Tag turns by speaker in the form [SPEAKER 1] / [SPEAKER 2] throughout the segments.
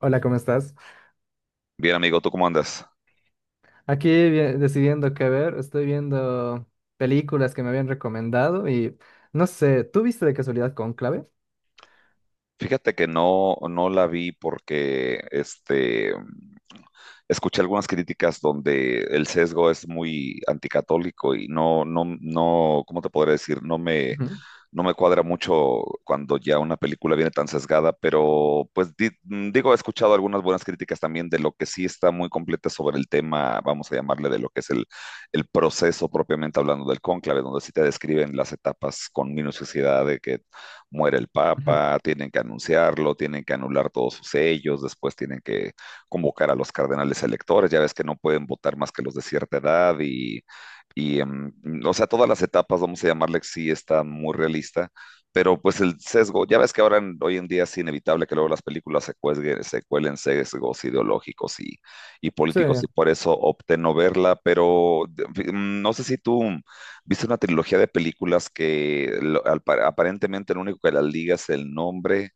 [SPEAKER 1] Hola, ¿cómo estás?
[SPEAKER 2] Bien, amigo, ¿tú cómo andas?
[SPEAKER 1] Aquí decidiendo qué ver, estoy viendo películas que me habían recomendado y no sé, ¿tú viste de casualidad Cónclave?
[SPEAKER 2] Fíjate que no, no la vi porque escuché algunas críticas donde el sesgo es muy anticatólico y no, no, no, ¿cómo te podría decir?
[SPEAKER 1] Ujú,
[SPEAKER 2] No me cuadra mucho cuando ya una película viene tan sesgada, pero pues digo, he escuchado algunas buenas críticas también de lo que sí está muy completa sobre el tema, vamos a llamarle de lo que el proceso propiamente hablando del cónclave, donde sí te describen las etapas con minuciosidad de que muere el
[SPEAKER 1] ujú.
[SPEAKER 2] Papa, tienen que anunciarlo, tienen que anular todos sus sellos, después tienen que convocar a los cardenales electores, ya ves que no pueden votar más que los de cierta edad y, o sea, todas las etapas, vamos a llamarle, sí está muy realista, pero pues el sesgo, ya ves que hoy en día es inevitable que luego las películas se cuelen sesgos ideológicos y
[SPEAKER 1] Sí,
[SPEAKER 2] políticos y por eso opté no verla, pero no sé si tú... Viste una trilogía de películas que aparentemente lo único que las liga es el nombre,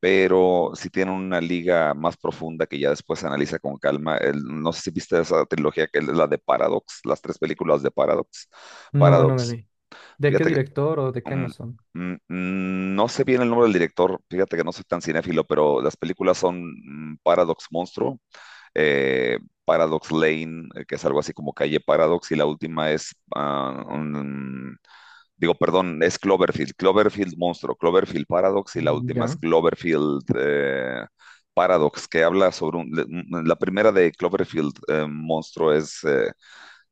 [SPEAKER 2] pero sí tienen una liga más profunda que ya después se analiza con calma. No sé si viste esa trilogía, que es la de Paradox, las tres películas de Paradox.
[SPEAKER 1] no, no me
[SPEAKER 2] Paradox.
[SPEAKER 1] vi. ¿De qué
[SPEAKER 2] Fíjate que
[SPEAKER 1] director o de qué año
[SPEAKER 2] mm,
[SPEAKER 1] son?
[SPEAKER 2] no sé bien el nombre del director, fíjate que no soy tan cinéfilo, pero las películas son Paradox Monstruo, eh, Paradox Lane, que es algo así como calle Paradox, y la última es, digo, perdón, es Cloverfield, Cloverfield Monstruo, Cloverfield Paradox, y la última es
[SPEAKER 1] Ya,
[SPEAKER 2] Cloverfield Paradox, que habla sobre la primera de Cloverfield Monstruo es,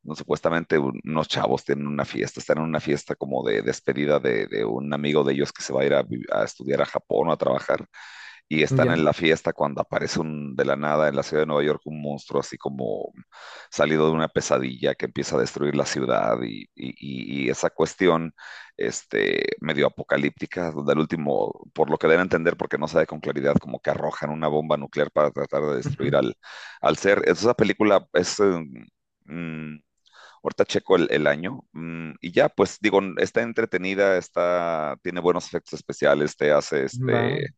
[SPEAKER 2] no, supuestamente unos chavos tienen una fiesta, están en una fiesta como de despedida de un amigo de ellos que se va a ir a, a estudiar a Japón o a trabajar y están
[SPEAKER 1] ya.
[SPEAKER 2] en la fiesta cuando aparece un, de la nada en la ciudad de Nueva York un monstruo así como salido de una pesadilla que empieza a destruir la ciudad y esa cuestión medio apocalíptica, donde al último, por lo que deben entender, porque no sabe con claridad, como que arrojan una bomba nuclear para tratar de
[SPEAKER 1] Ujú.
[SPEAKER 2] destruir al ser. Esa película es... mm, Ahorita checo el año y ya, pues digo, está entretenida, está, tiene buenos efectos especiales,
[SPEAKER 1] Va.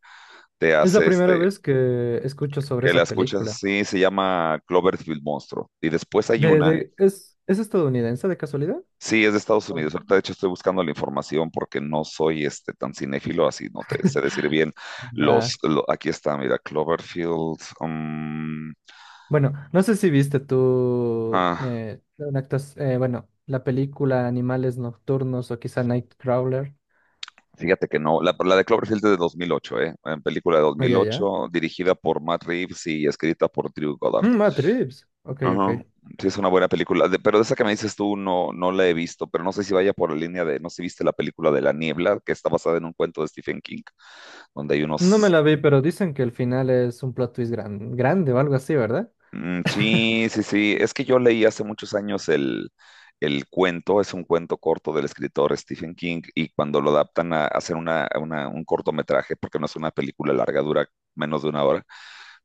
[SPEAKER 2] te
[SPEAKER 1] Es la
[SPEAKER 2] hace
[SPEAKER 1] primera
[SPEAKER 2] este,
[SPEAKER 1] vez que escucho sobre
[SPEAKER 2] que la
[SPEAKER 1] esa
[SPEAKER 2] escuchas,
[SPEAKER 1] película.
[SPEAKER 2] sí, se llama Cloverfield Monstruo. Y después hay una,
[SPEAKER 1] Es estadounidense de casualidad?
[SPEAKER 2] sí, es de Estados
[SPEAKER 1] Ok.
[SPEAKER 2] Unidos. Ahorita, de hecho, estoy buscando la información porque no soy tan cinéfilo, así no te sé decir bien
[SPEAKER 1] Va.
[SPEAKER 2] aquí está, mira, Cloverfield.
[SPEAKER 1] Bueno, no sé si viste tú
[SPEAKER 2] Ah,
[SPEAKER 1] una la película Animales Nocturnos o quizá Nightcrawler.
[SPEAKER 2] fíjate que no, la de Cloverfield es de 2008, ¿eh? En película de
[SPEAKER 1] Ah, ya, ya.
[SPEAKER 2] 2008, dirigida por Matt Reeves y escrita por Drew Goddard.
[SPEAKER 1] Matt Reeves. Ok, ok.
[SPEAKER 2] Ajá. Sí, es una buena película. Pero de esa que me dices tú no, no la he visto, pero no sé si vaya por la línea de, no sé si viste la película de La Niebla, que está basada en un cuento de Stephen King, donde hay
[SPEAKER 1] No me
[SPEAKER 2] unos...
[SPEAKER 1] la vi, pero dicen que el final es un plot twist grande o algo así, ¿verdad?
[SPEAKER 2] Mm, sí, sí, sí. Es que yo leí hace muchos años el cuento, es un cuento corto del escritor Stephen King, y cuando lo adaptan a hacer una, a un cortometraje, porque no es una película larga, dura menos de una hora,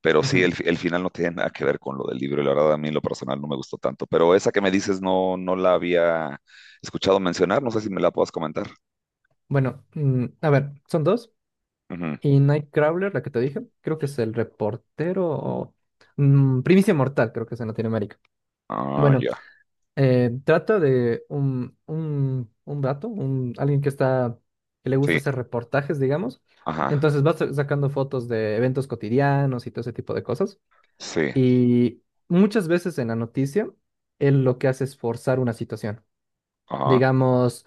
[SPEAKER 2] pero sí,
[SPEAKER 1] Ujú.
[SPEAKER 2] el final no tiene nada que ver con lo del libro, y la verdad a mí en lo personal no me gustó tanto. Pero esa que me dices no, no la había escuchado mencionar, no sé si me la puedas comentar.
[SPEAKER 1] Bueno, a ver, son dos.
[SPEAKER 2] Ujú.
[SPEAKER 1] Y Nightcrawler, la que te dije, creo que es el reportero o Primicia Mortal, creo que es en Latinoamérica.
[SPEAKER 2] Ah,
[SPEAKER 1] Bueno,
[SPEAKER 2] ya.
[SPEAKER 1] Trata de un vato, un, alguien que está, que le gusta
[SPEAKER 2] Sí,
[SPEAKER 1] hacer reportajes, digamos.
[SPEAKER 2] ajá,
[SPEAKER 1] Entonces va sacando fotos de eventos cotidianos y todo ese tipo de cosas.
[SPEAKER 2] sí,
[SPEAKER 1] Y muchas veces en la noticia, él lo que hace es forzar una situación.
[SPEAKER 2] ajá.
[SPEAKER 1] Digamos,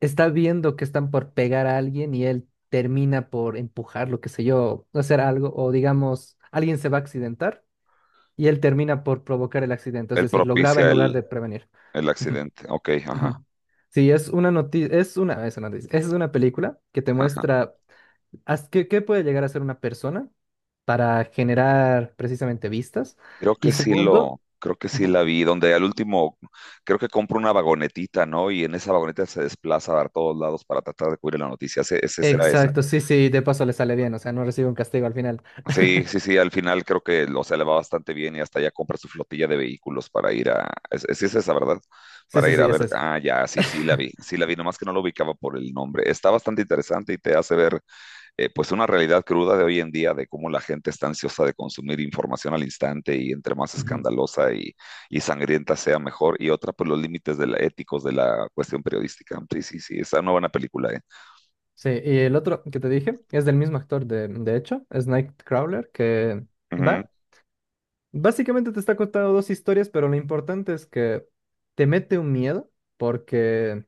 [SPEAKER 1] está viendo que están por pegar a alguien y él termina por empujarlo, qué sé yo, hacer algo. O digamos, alguien se va a accidentar y él termina por provocar el accidente. Es
[SPEAKER 2] Él
[SPEAKER 1] decir, lo graba en
[SPEAKER 2] propicia
[SPEAKER 1] lugar de prevenir.
[SPEAKER 2] el accidente, ok, ajá.
[SPEAKER 1] Ujú. Sí, es una noticia, es una noticia, es una película que te muestra qué puede llegar a ser una persona para generar precisamente vistas. Y segundo,
[SPEAKER 2] Creo que sí
[SPEAKER 1] ajá,
[SPEAKER 2] la vi, donde al último, creo que compra una vagonetita, ¿no? Y en esa vagoneta se desplaza a todos lados para tratar de cubrir la noticia. Ese será esa.
[SPEAKER 1] exacto, sí, sí, de paso le sale bien, o sea, no recibe un castigo al final.
[SPEAKER 2] Sí, sí, sí, al final creo que lo se le va bastante bien y hasta ya compra su flotilla de vehículos para ir a, sí es esa, ¿verdad?
[SPEAKER 1] Sí,
[SPEAKER 2] Para
[SPEAKER 1] sí,
[SPEAKER 2] ir
[SPEAKER 1] sí,
[SPEAKER 2] a ver,
[SPEAKER 1] es esa.
[SPEAKER 2] ah, ya, sí, sí la vi, nomás que no lo ubicaba por el nombre. Está bastante interesante y te hace ver pues una realidad cruda de hoy en día de cómo la gente está ansiosa de consumir información al instante y entre más
[SPEAKER 1] Ujú.
[SPEAKER 2] escandalosa y sangrienta sea mejor. Y otra, pues los límites de la, éticos de la cuestión periodística. Sí, sí, sí, esa no buena película, ¿eh?
[SPEAKER 1] Sí, y el otro que te dije es del mismo actor, de hecho, es Nightcrawler, que
[SPEAKER 2] Ujú,
[SPEAKER 1] va, básicamente te está contando dos historias, pero lo importante es que te mete un miedo porque...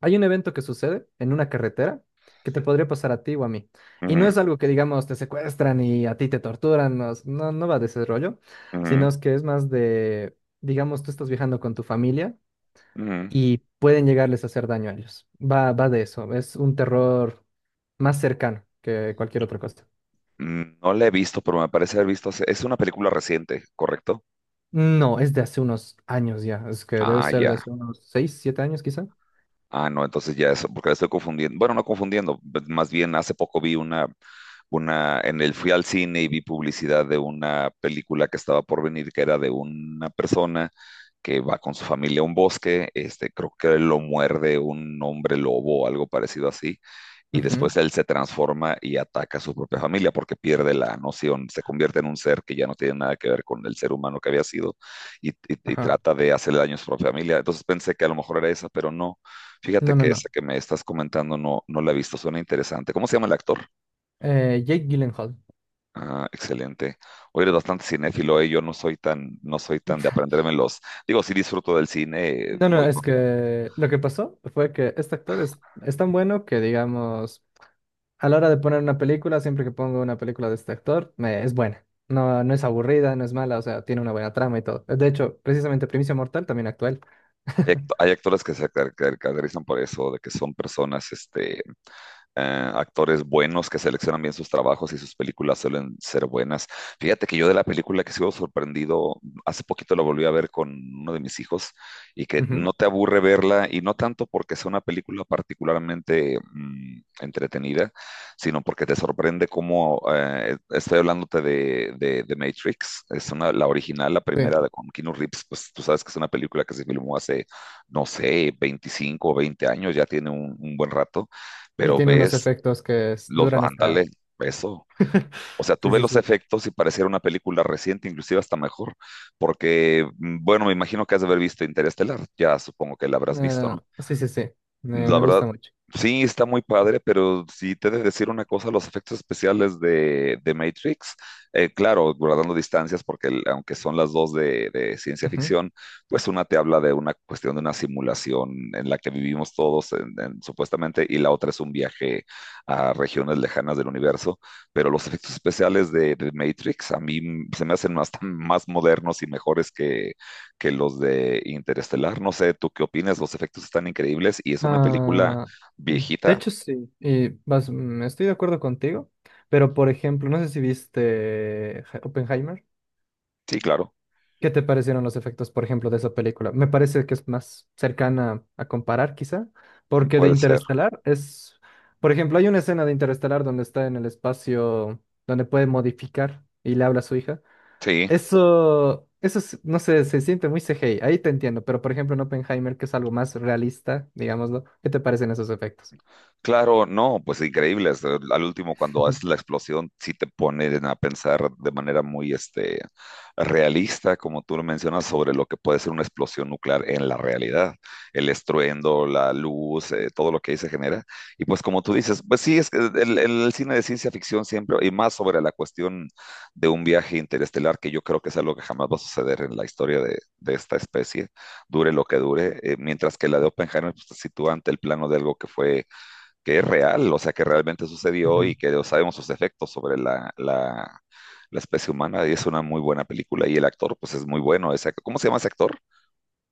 [SPEAKER 1] Hay un evento que sucede en una carretera que te podría pasar a ti o a mí. Y
[SPEAKER 2] ujú,
[SPEAKER 1] no es algo que, digamos, te secuestran y a ti te torturan, no, no, no va de ese rollo, sino es que es más de, digamos, tú estás viajando con tu familia
[SPEAKER 2] ujú, ujú.
[SPEAKER 1] y pueden llegarles a hacer daño a ellos. Va, va de eso, es un terror más cercano que cualquier otra cosa.
[SPEAKER 2] Mm, no la he visto, pero me parece haber visto. Es una película reciente, ¿correcto?
[SPEAKER 1] No, es de hace unos años ya, es que debe
[SPEAKER 2] Ah,
[SPEAKER 1] ser
[SPEAKER 2] ya.
[SPEAKER 1] de hace unos seis siete años quizá.
[SPEAKER 2] Ah, no, entonces ya eso, porque la estoy confundiendo. Bueno, no confundiendo, más bien hace poco vi una, en el fui al cine y vi publicidad de una película que estaba por venir, que era de una persona que va con su familia a un bosque, creo que lo muerde un hombre lobo o algo parecido así, y después
[SPEAKER 1] Ujú,
[SPEAKER 2] él se transforma y ataca a su propia familia porque pierde la noción, se convierte en un ser que ya no tiene nada que ver con el ser humano que había sido y, y y
[SPEAKER 1] ajá.
[SPEAKER 2] trata de hacerle daño a su propia familia. Entonces pensé que a lo mejor era esa, pero no. Fíjate
[SPEAKER 1] No, no,
[SPEAKER 2] que
[SPEAKER 1] no.
[SPEAKER 2] esa que me estás comentando no, no la he visto, suena interesante. ¿Cómo se llama el actor?
[SPEAKER 1] Jake Gyllenhaal.
[SPEAKER 2] Ah, excelente. Hoy eres bastante cinéfilo, ¿eh? Yo no soy tan, no soy tan de aprenderme los. Digo, sí disfruto del cine,
[SPEAKER 1] No, no,
[SPEAKER 2] voy
[SPEAKER 1] es
[SPEAKER 2] con.
[SPEAKER 1] que lo que pasó fue que este actor es tan bueno que, digamos, a la hora de poner una película, siempre que pongo una película de este actor, me, es buena. No, no es aburrida, no es mala, o sea, tiene una buena trama y todo. De hecho, precisamente Primicia Mortal también actual.
[SPEAKER 2] Hay, hay actores que se caracterizan por eso, de que son personas, actores buenos que seleccionan bien sus trabajos y sus películas suelen ser buenas. Fíjate que yo de la película que sigo sorprendido, hace poquito la volví a ver con uno de mis hijos y que
[SPEAKER 1] Ujú,
[SPEAKER 2] no te aburre verla y no tanto porque sea una película particularmente entretenida, sino porque te sorprende cómo, estoy hablándote de Matrix, es una, la original, la
[SPEAKER 1] sí.
[SPEAKER 2] primera de, con Keanu Reeves, pues tú sabes que es una película que se filmó hace, no sé, 25 o 20 años, ya tiene un buen rato,
[SPEAKER 1] Y
[SPEAKER 2] pero
[SPEAKER 1] tiene unos
[SPEAKER 2] ves
[SPEAKER 1] efectos que duran hasta...
[SPEAKER 2] ándale,
[SPEAKER 1] Uy.
[SPEAKER 2] eso. O sea, tú
[SPEAKER 1] Sí,
[SPEAKER 2] ves
[SPEAKER 1] sí,
[SPEAKER 2] los
[SPEAKER 1] sí.
[SPEAKER 2] efectos y pareciera una película reciente, inclusive hasta mejor, porque, bueno, me imagino que has de haber visto Interestelar, ya supongo que la habrás visto, ¿no?
[SPEAKER 1] Ah, sí, sí, sí. Me,
[SPEAKER 2] La
[SPEAKER 1] me
[SPEAKER 2] verdad,
[SPEAKER 1] gusta mucho.
[SPEAKER 2] sí, está muy padre, pero si te he de decir una cosa, los efectos especiales de Matrix, claro, guardando distancias, porque aunque son las dos de ciencia ficción, pues una te habla de una cuestión de una simulación en la que vivimos todos, supuestamente, y la otra es un viaje a regiones lejanas del universo, pero los efectos especiales de Matrix a mí se me hacen hasta más modernos y mejores que los de Interestelar. No sé, ¿tú qué opinas? Los efectos están increíbles y es una película
[SPEAKER 1] Ah, de
[SPEAKER 2] viejita.
[SPEAKER 1] hecho, sí, y vas, estoy de acuerdo contigo, pero por ejemplo, no sé si viste Oppenheimer.
[SPEAKER 2] Sí, claro,
[SPEAKER 1] ¿Qué te parecieron los efectos, por ejemplo, de esa película? Me parece que es más cercana a comparar, quizá, porque de
[SPEAKER 2] puede ser.
[SPEAKER 1] Interestelar es, por ejemplo, hay una escena de Interestelar donde está en el espacio, donde puede modificar y le habla a su hija.
[SPEAKER 2] Sí,
[SPEAKER 1] Eso, no sé, se siente muy CGI, ahí te entiendo, pero por ejemplo en Oppenheimer, que es algo más realista, digámoslo, ¿qué te parecen esos efectos?
[SPEAKER 2] claro, no, pues increíble. Al último, cuando haces la explosión, sí te ponen a pensar de manera muy realista, como tú lo mencionas, sobre lo que puede ser una explosión nuclear en la realidad. El estruendo, la luz, todo lo que ahí se genera. Y pues como tú dices, pues sí, es que el cine de ciencia ficción siempre, y más sobre la cuestión de un viaje interestelar, que yo creo que es algo que jamás va a suceder en la historia de esta especie, dure lo que dure, mientras que la de Oppenheimer pues, se sitúa ante el plano de algo que fue que es real, o sea, que realmente sucedió y
[SPEAKER 1] Ujú.
[SPEAKER 2] que sabemos sus efectos sobre la especie humana y es una muy buena película y el actor pues es muy bueno. Ese, ¿cómo se llama ese actor?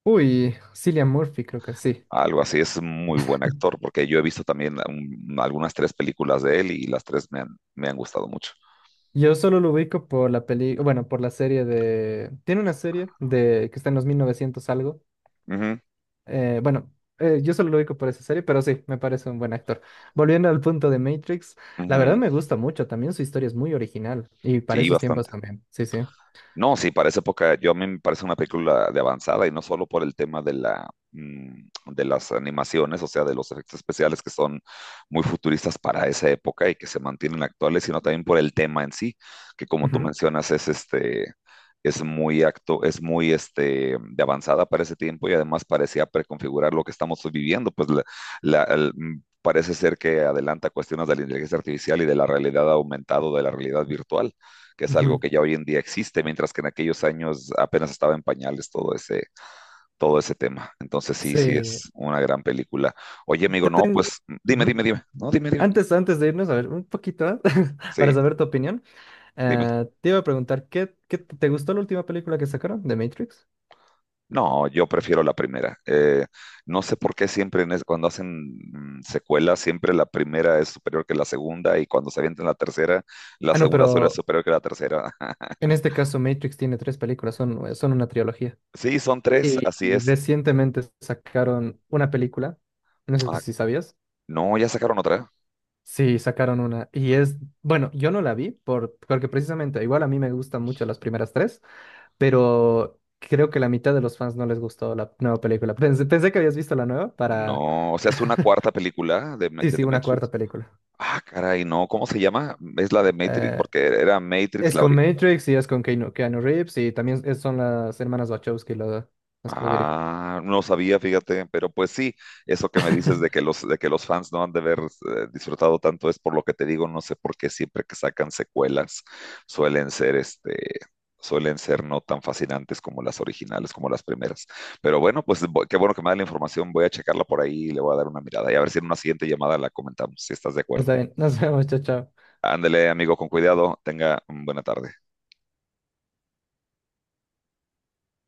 [SPEAKER 1] Uy, Cillian Murphy, creo que sí.
[SPEAKER 2] Algo así, es muy buen actor porque yo he visto también algunas tres películas de él y las tres me han gustado mucho.
[SPEAKER 1] Yo solo lo ubico por la peli, bueno, por la serie de. Tiene una serie de que está en los 1900 algo.
[SPEAKER 2] Ujú,
[SPEAKER 1] Bueno, yo solo lo ubico por esa serie, pero sí, me parece un buen actor. Volviendo al punto de Matrix, la
[SPEAKER 2] ujú,
[SPEAKER 1] verdad me gusta mucho. También su historia es muy original y para
[SPEAKER 2] sí,
[SPEAKER 1] esos tiempos
[SPEAKER 2] bastante.
[SPEAKER 1] también. Sí, sí.
[SPEAKER 2] No, sí, para esa época yo a mí me parece una película de avanzada y no solo por el tema de la de las animaciones, o sea, de los efectos especiales que son muy futuristas para esa época y que se mantienen actuales, sino también por el tema en sí, que como tú
[SPEAKER 1] Ujú,
[SPEAKER 2] mencionas es es muy acto, es muy este de avanzada para ese tiempo y además parecía preconfigurar lo que estamos viviendo, pues parece ser que adelanta cuestiones de la inteligencia artificial y de la realidad aumentada, o de la realidad virtual que es algo
[SPEAKER 1] ujú.
[SPEAKER 2] que ya hoy en día existe, mientras que en aquellos años apenas estaba en pañales todo ese tema. Entonces sí, sí
[SPEAKER 1] Sí,
[SPEAKER 2] es una gran película. Oye,
[SPEAKER 1] te
[SPEAKER 2] amigo, no,
[SPEAKER 1] tengo...
[SPEAKER 2] pues dime,
[SPEAKER 1] Ujú.
[SPEAKER 2] dime, dime. No, dime, dime.
[SPEAKER 1] Antes de irnos, a ver, un poquito más, para
[SPEAKER 2] Sí,
[SPEAKER 1] saber tu opinión,
[SPEAKER 2] dime.
[SPEAKER 1] te iba a preguntar, ¿qué, te gustó la última película que sacaron de Matrix?
[SPEAKER 2] No, yo prefiero la primera. No sé por qué siempre cuando hacen secuelas, siempre la primera es superior que la segunda y cuando se avientan la tercera, la
[SPEAKER 1] Ah, no,
[SPEAKER 2] segunda solo es
[SPEAKER 1] pero
[SPEAKER 2] superior que la tercera.
[SPEAKER 1] en este caso Matrix tiene tres películas, son, son una trilogía.
[SPEAKER 2] Sí, son tres,
[SPEAKER 1] Y
[SPEAKER 2] así es.
[SPEAKER 1] recientemente sacaron una película, no sé
[SPEAKER 2] Ah,
[SPEAKER 1] si sabías.
[SPEAKER 2] no, ya sacaron otra.
[SPEAKER 1] Sí, sacaron una. Y es, bueno, yo no la vi por, porque precisamente, igual a mí me gustan mucho las primeras tres. Pero creo que la mitad de los fans no les gustó la nueva película. Pensé que habías visto la nueva para...
[SPEAKER 2] No, o sea, es una cuarta película de,
[SPEAKER 1] Sí,
[SPEAKER 2] de
[SPEAKER 1] sí,
[SPEAKER 2] The
[SPEAKER 1] una
[SPEAKER 2] Matrix.
[SPEAKER 1] cuarta película.
[SPEAKER 2] Ah, caray, no, ¿cómo se llama? Es la de Matrix,
[SPEAKER 1] Eh,
[SPEAKER 2] porque era Matrix
[SPEAKER 1] es con Matrix y es con Keanu Reeves y también son las hermanas Wachowski las que lo dirigen.
[SPEAKER 2] ah, no sabía, fíjate, pero pues sí, eso que me dices de que de que los fans no han de haber disfrutado tanto es por lo que te digo, no sé por qué siempre que sacan secuelas suelen ser suelen ser no tan fascinantes como las originales, como las primeras. Pero bueno, pues qué bueno que me da la información, voy a checarla por ahí y le voy a dar una mirada y a ver si en una siguiente llamada la comentamos, si estás de acuerdo.
[SPEAKER 1] Está bien, nos vemos, chao, chao.
[SPEAKER 2] Ándele, amigo, con cuidado, tenga buena tarde.